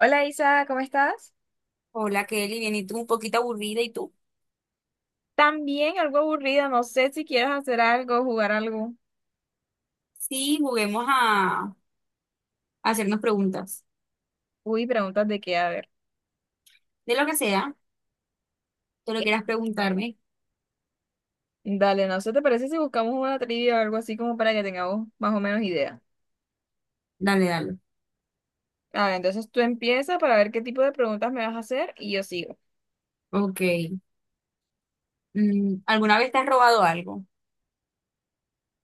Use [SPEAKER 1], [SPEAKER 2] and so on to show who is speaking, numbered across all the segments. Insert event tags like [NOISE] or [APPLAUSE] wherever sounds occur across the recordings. [SPEAKER 1] Hola Isa, ¿cómo estás?
[SPEAKER 2] Hola Kelly, bien, y tú un poquito aburrida, ¿y tú?
[SPEAKER 1] También algo aburrida, no sé si quieres hacer algo, jugar algo.
[SPEAKER 2] Sí, juguemos a hacernos preguntas.
[SPEAKER 1] Uy, preguntas de qué, a ver.
[SPEAKER 2] De lo que sea, tú lo quieras preguntarme,
[SPEAKER 1] Dale, no sé, ¿te parece si buscamos una trivia o algo así como para que tengamos más o menos idea?
[SPEAKER 2] dale, dale.
[SPEAKER 1] A ver, entonces tú empiezas para ver qué tipo de preguntas me vas a hacer y yo sigo.
[SPEAKER 2] Ok. ¿Alguna vez te has robado algo?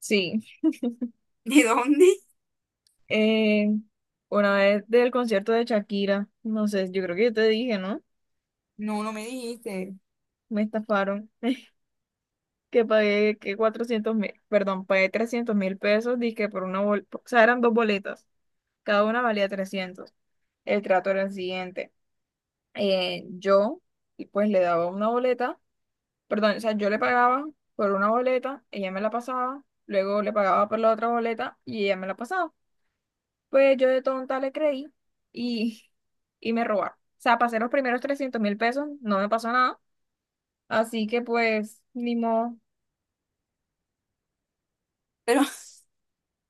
[SPEAKER 1] Sí,
[SPEAKER 2] [LAUGHS] ¿De dónde?
[SPEAKER 1] eh, una vez del concierto de Shakira, no sé, yo creo que yo te dije, ¿no?
[SPEAKER 2] No, no me dijiste.
[SPEAKER 1] Me estafaron, [LAUGHS] que pagué que 400.000, perdón, pagué 300.000 pesos, dije por una boleta, o sea, eran dos boletas. Cada una valía 300. El trato era el siguiente. Eh, yo, y pues le daba una boleta, perdón, o sea, yo le pagaba por una boleta, ella me la pasaba, luego le pagaba por la otra boleta y ella me la pasaba. Pues yo de tonta le creí y, [LAUGHS] y me robaron. O sea, pasé los primeros 300.000 pesos, no me pasó nada, así que pues, ni modo.
[SPEAKER 2] Pero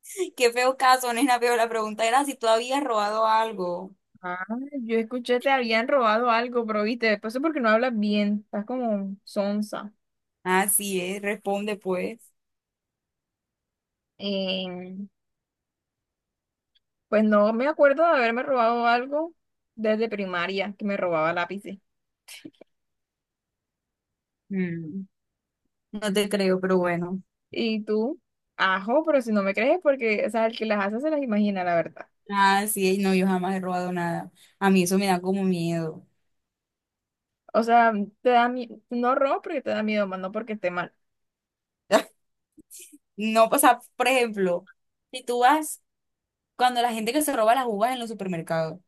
[SPEAKER 2] [LAUGHS] qué feo caso, nena, pero la pregunta era si tú habías robado algo.
[SPEAKER 1] Ah, yo escuché, te habían robado algo, pero viste, después es porque no hablas bien, estás como sonsa.
[SPEAKER 2] Así es, responde pues.
[SPEAKER 1] Eh, Pues no me acuerdo de haberme robado algo desde primaria, que me robaba lápices.
[SPEAKER 2] Mm, no te creo, pero bueno.
[SPEAKER 1] Y tú, ajo, pero si no me crees, porque, o sea, el que las hace se las imagina, la verdad.
[SPEAKER 2] Así es, no, yo jamás he robado nada. A mí eso me da como miedo.
[SPEAKER 1] O sea, te da miedo, no robas porque te da miedo, más no porque esté mal.
[SPEAKER 2] [LAUGHS] No, o sea, por ejemplo. Si tú vas cuando la gente que se roba las uvas en los supermercados.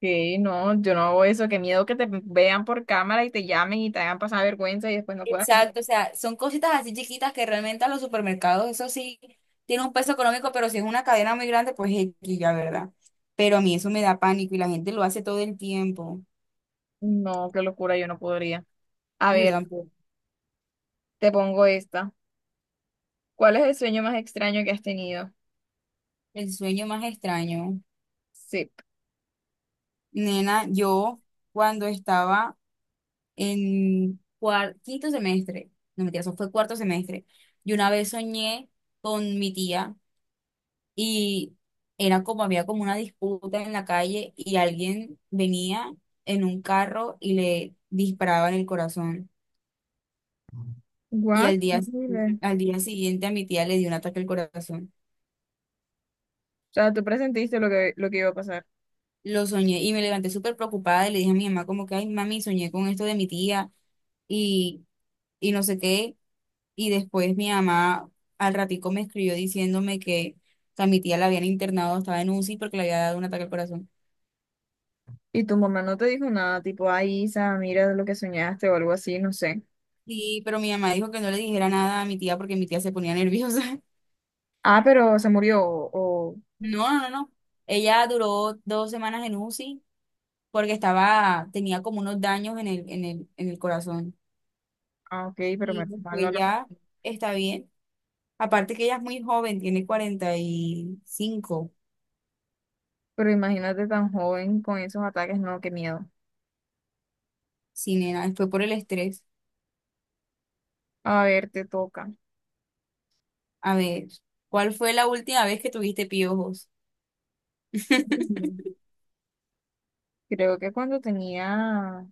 [SPEAKER 1] Sí, no, yo no hago eso, qué miedo que te vean por cámara y te llamen y te hagan pasar vergüenza y después no puedas.
[SPEAKER 2] Exacto, o sea, son cositas así chiquitas que realmente a los supermercados, eso sí, tiene un peso económico, pero si es una cadena muy grande, pues X, ya, ¿verdad? Pero a mí eso me da pánico y la gente lo hace todo el tiempo.
[SPEAKER 1] No, qué locura, yo no podría. A
[SPEAKER 2] Yo
[SPEAKER 1] ver,
[SPEAKER 2] tampoco.
[SPEAKER 1] te pongo esta. ¿Cuál es el sueño más extraño que has tenido?
[SPEAKER 2] El sueño más extraño.
[SPEAKER 1] Sí.
[SPEAKER 2] Nena, yo cuando estaba en quinto semestre, no mentira, eso fue cuarto semestre, yo una vez soñé con mi tía. Y era como, había como una disputa en la calle y alguien venía en un carro y le disparaba en el corazón. Y
[SPEAKER 1] What? Horrible.
[SPEAKER 2] al día siguiente a mi tía le dio un ataque al corazón.
[SPEAKER 1] O sea, tú presentiste lo que iba a pasar.
[SPEAKER 2] Lo soñé y me levanté súper preocupada y le dije a mi mamá como que, ay, mami, soñé con esto de mi tía y, y no sé qué. Y después mi mamá al ratico me escribió diciéndome que a mi tía la habían internado, estaba en U UCI porque le había dado un ataque al corazón.
[SPEAKER 1] Y tu mamá no te dijo nada, tipo, ay, Isa, mira lo que soñaste o algo así, no sé.
[SPEAKER 2] Sí, pero mi mamá dijo que no le dijera nada a mi tía porque mi tía se ponía nerviosa. [LAUGHS]
[SPEAKER 1] Ah, pero se murió, o-
[SPEAKER 2] No, no, no. Ella duró dos semanas en UCI porque estaba, tenía como unos daños en el corazón.
[SPEAKER 1] ah, ok, pero me
[SPEAKER 2] Y
[SPEAKER 1] mal no
[SPEAKER 2] después
[SPEAKER 1] lo
[SPEAKER 2] ya
[SPEAKER 1] conté.
[SPEAKER 2] está bien. Aparte que ella es muy joven, tiene 45,
[SPEAKER 1] Pero imagínate tan joven con esos ataques, no, qué miedo.
[SPEAKER 2] sí, nena, fue por el estrés.
[SPEAKER 1] A ver, te toca.
[SPEAKER 2] A ver, ¿cuál fue la última vez que tuviste piojos?
[SPEAKER 1] Ujú.
[SPEAKER 2] [LAUGHS]
[SPEAKER 1] Creo que cuando tenía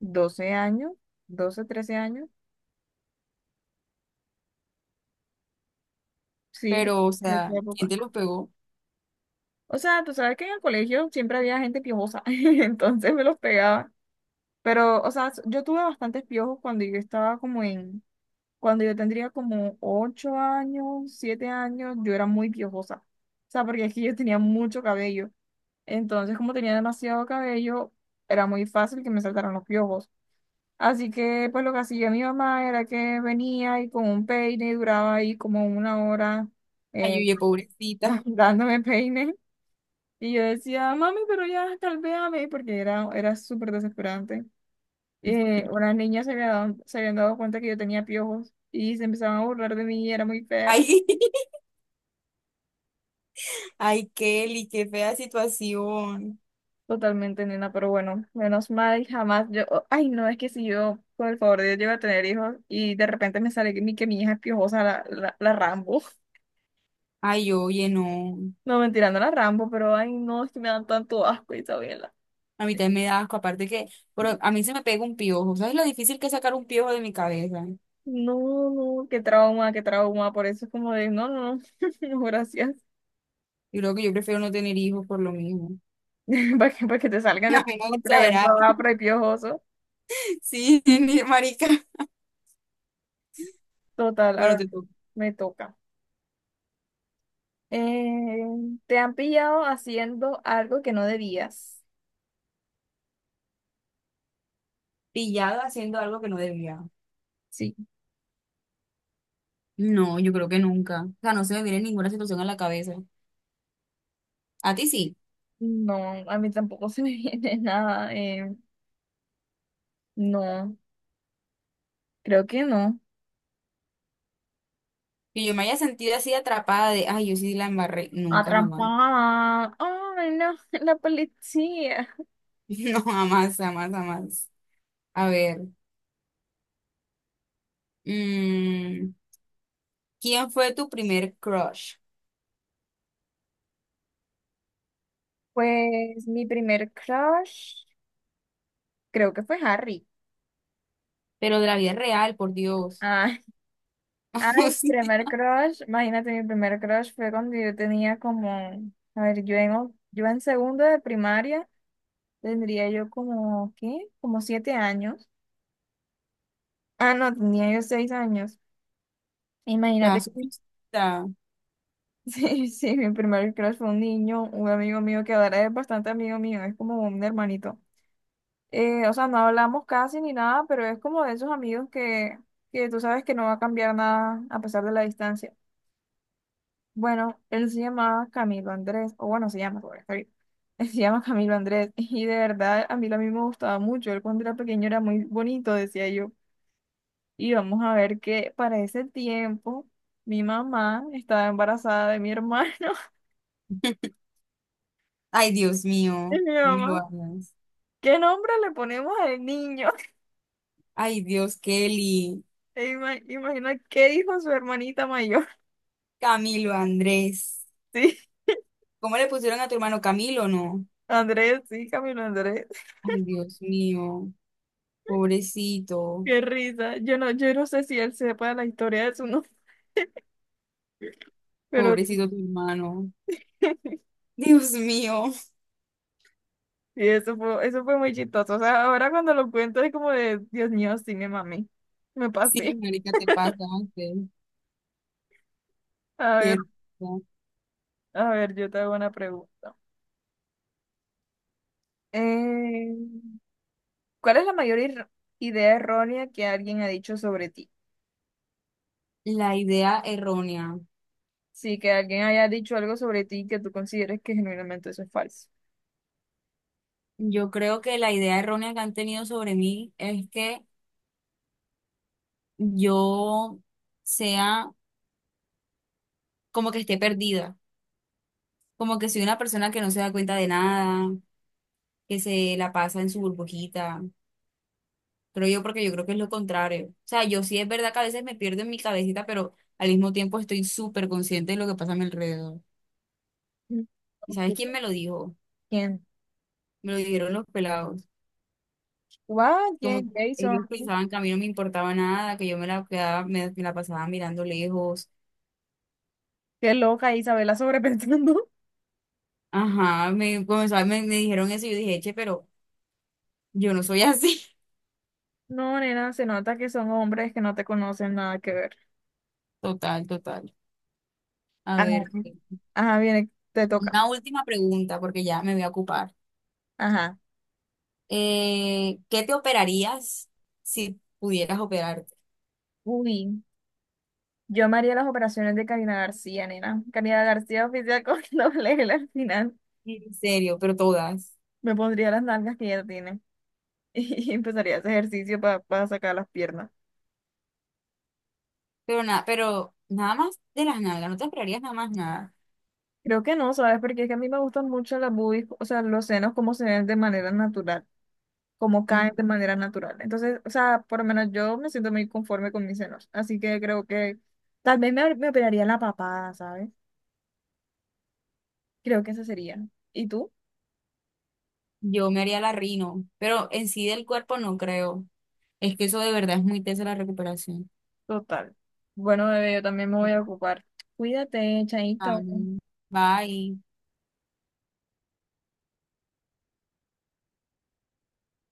[SPEAKER 1] 12 años, 12 13 años, sí,
[SPEAKER 2] Pero, o
[SPEAKER 1] creo
[SPEAKER 2] sea,
[SPEAKER 1] esa
[SPEAKER 2] ¿quién
[SPEAKER 1] época.
[SPEAKER 2] te los pegó?
[SPEAKER 1] O sea, tú sabes que en el colegio siempre había gente piojosa, [LAUGHS] entonces me los pegaba. Pero, o sea, yo tuve bastantes piojos cuando yo estaba como en. Cuando yo tendría como 8 años, 7 años, yo era muy piojosa. O sea, porque es que yo tenía mucho cabello. Entonces, como tenía demasiado cabello, era muy fácil que me saltaran los piojos. Así que, pues lo que hacía mi mamá era que venía y con un peine y duraba ahí como una hora
[SPEAKER 2] Ay,
[SPEAKER 1] eh,
[SPEAKER 2] oye, pobrecita.
[SPEAKER 1] [LAUGHS] dándome peine. Y yo decía, mami, pero ya calvéame, porque era, era súper desesperante. Unas niñas se habían dado cuenta que yo tenía piojos y se empezaban a burlar de mí y era muy feo.
[SPEAKER 2] Ay, [LAUGHS] ay, Kelly, qué fea situación.
[SPEAKER 1] Totalmente, nena, pero bueno, menos mal, jamás yo, oh, ay no, es que si yo, por el favor de Dios, llego a tener hijos y de repente me sale que mi, hija es piojosa, la Rambo, [LAUGHS]
[SPEAKER 2] Ay, oye, no.
[SPEAKER 1] no, mentira, no la Rambo, pero ay no, es que me dan tanto asco, Isabela,
[SPEAKER 2] A mí también me da asco, aparte que, pero a mí se me pega un piojo. ¿Sabes lo difícil que es sacar un piojo de mi cabeza?
[SPEAKER 1] no, no, qué trauma, por eso es como de, no, no, no, [LAUGHS] no, gracias,
[SPEAKER 2] Yo creo que yo prefiero no tener hijos por lo mismo.
[SPEAKER 1] [LAUGHS] para que te salgan
[SPEAKER 2] [LAUGHS] A
[SPEAKER 1] de
[SPEAKER 2] mí no
[SPEAKER 1] con tremendo
[SPEAKER 2] exagerar.
[SPEAKER 1] apro y piojoso,
[SPEAKER 2] Sí, [LAUGHS] marica.
[SPEAKER 1] total, a
[SPEAKER 2] Bueno,
[SPEAKER 1] ver,
[SPEAKER 2] te toca.
[SPEAKER 1] me toca. Eh, Te han pillado haciendo algo que no debías,
[SPEAKER 2] Pillado haciendo algo que no debía.
[SPEAKER 1] sí.
[SPEAKER 2] No, yo creo que nunca. O sea, no se me viene ninguna situación a la cabeza. A ti sí.
[SPEAKER 1] No, a mí tampoco [LAUGHS] se me viene nada. No, creo que no.
[SPEAKER 2] Que yo me haya sentido así atrapada de, ay, yo sí la embarré. Nunca, jamás. [LAUGHS]
[SPEAKER 1] Atrapada. Ay, no, [LAUGHS] la policía.
[SPEAKER 2] No, jamás, jamás, jamás. A ver. mm, ¿Quién fue tu primer crush?
[SPEAKER 1] Pues mi primer crush, creo que fue Harry.
[SPEAKER 2] Pero de la vida real, por Dios.
[SPEAKER 1] Ah, [LAUGHS] ah,
[SPEAKER 2] [LAUGHS]
[SPEAKER 1] el
[SPEAKER 2] Sí,
[SPEAKER 1] primer crush, imagínate, mi primer crush fue cuando yo tenía como, a ver, yo en segundo de primaria tendría yo como, ¿qué? Como 7 años. Ah, no, tenía yo 6 años.
[SPEAKER 2] está
[SPEAKER 1] Imagínate.
[SPEAKER 2] surrealista.
[SPEAKER 1] [LAUGHS] Sí, sí, mi primer crush fue un niño, un amigo mío que ahora es bastante amigo mío, es como un hermanito. O sea, no hablamos casi ni nada, pero es como de esos amigos que tú sabes que no va a cambiar nada a pesar de la distancia. Bueno, él se llama Camilo Andrés, o bueno, se llama, porque está bien. [LAUGHS] Él se llama Camilo Andrés, [LAUGHS] y de verdad a mí lo mismo me gustaba mucho. Él cuando era pequeño era muy bonito, decía yo. Y vamos a ver que para ese tiempo mi mamá estaba embarazada de mi hermano. [LAUGHS]
[SPEAKER 2] Ay, Dios
[SPEAKER 1] Y
[SPEAKER 2] mío,
[SPEAKER 1] mi
[SPEAKER 2] no me lo
[SPEAKER 1] mamá,
[SPEAKER 2] hagas.
[SPEAKER 1] ¿qué nombre le ponemos al niño? [LAUGHS]
[SPEAKER 2] Ay, Dios, Kelly,
[SPEAKER 1] E imagina qué dijo su hermanita mayor.
[SPEAKER 2] Camilo, Andrés.
[SPEAKER 1] [LAUGHS] Sí,
[SPEAKER 2] ¿Cómo le pusieron a tu hermano Camilo, no?
[SPEAKER 1] Andrés, sí, Camilo Andrés.
[SPEAKER 2] Ay, Dios mío, pobrecito,
[SPEAKER 1] Qué risa. Yo no sé si él sepa la historia de su nombre, pero
[SPEAKER 2] pobrecito tu hermano.
[SPEAKER 1] [LAUGHS] sí,
[SPEAKER 2] Dios mío.
[SPEAKER 1] eso fue muy chistoso. O sea, ahora cuando lo cuento es como de, Dios mío, sí, me mami. Me
[SPEAKER 2] Sí,
[SPEAKER 1] pasé.
[SPEAKER 2] marica, te pasaste.
[SPEAKER 1] A ver,
[SPEAKER 2] Qué risa.
[SPEAKER 1] a ver, yo te hago una pregunta. Eh, ¿Cuál es la mayor idea errónea que alguien ha dicho sobre ti?
[SPEAKER 2] La idea errónea.
[SPEAKER 1] Sí, que alguien haya dicho algo sobre ti que tú consideres que genuinamente eso es falso.
[SPEAKER 2] Yo creo que la idea errónea que han tenido sobre mí es que yo sea como que esté perdida, como que soy una persona que no se da cuenta de nada, que se la pasa en su burbujita. Creo yo porque yo creo que es lo contrario. O sea, yo sí es verdad que a veces me pierdo en mi cabecita, pero al mismo tiempo estoy súper consciente de lo que pasa a mi alrededor.
[SPEAKER 1] Mm,
[SPEAKER 2] ¿Y sabes
[SPEAKER 1] ok.
[SPEAKER 2] quién me lo dijo?
[SPEAKER 1] ¿Quién?
[SPEAKER 2] Me lo dijeron los pelados.
[SPEAKER 1] Guau,
[SPEAKER 2] Como que
[SPEAKER 1] ¿quién? Jason.
[SPEAKER 2] ellos pensaban que a mí no me importaba nada, que yo me la pasaba mirando lejos.
[SPEAKER 1] Qué loca Isabela sobrepensando. [LAUGHS]
[SPEAKER 2] Ajá, me, comenzó a- me dijeron eso y yo dije, che, pero yo no soy así.
[SPEAKER 1] No, nena, se nota que son hombres que no te conocen nada que ver.
[SPEAKER 2] [LAUGHS] Total, total. A
[SPEAKER 1] Ajá.
[SPEAKER 2] ver.
[SPEAKER 1] Ajá, viene, te toca.
[SPEAKER 2] Una última pregunta, porque ya me voy a ocupar.
[SPEAKER 1] Ajá.
[SPEAKER 2] ¿Qué te operarías si pudieras operarte?
[SPEAKER 1] Uy, yo me haría las operaciones de Karina García, nena. Karina García oficial con [LAUGHS] doble L al final.
[SPEAKER 2] En serio, pero todas.
[SPEAKER 1] Me pondría las nalgas que ella tiene [LAUGHS] y empezaría ese ejercicio para sacar las piernas.
[SPEAKER 2] Pero nada más de las nalgas, no te operarías nada más nada.
[SPEAKER 1] Creo que no, ¿sabes? Porque es que a mí me gustan mucho las boobies, o sea, los senos como se ven de manera natural. Como
[SPEAKER 2] Mm,
[SPEAKER 1] caen de manera natural. Entonces, o sea, por lo menos yo me siento muy conforme con mis senos. Así que creo que tal vez me operaría la papada, ¿sabes? Creo que esa sería. ¿Y tú?
[SPEAKER 2] Yo me haría la rino, pero en sí del cuerpo no creo. Es que eso de verdad es muy tesa la recuperación.
[SPEAKER 1] Total. Bueno, bebé, yo también me voy a ocupar. Cuídate,
[SPEAKER 2] Ah,
[SPEAKER 1] chaito.
[SPEAKER 2] bye.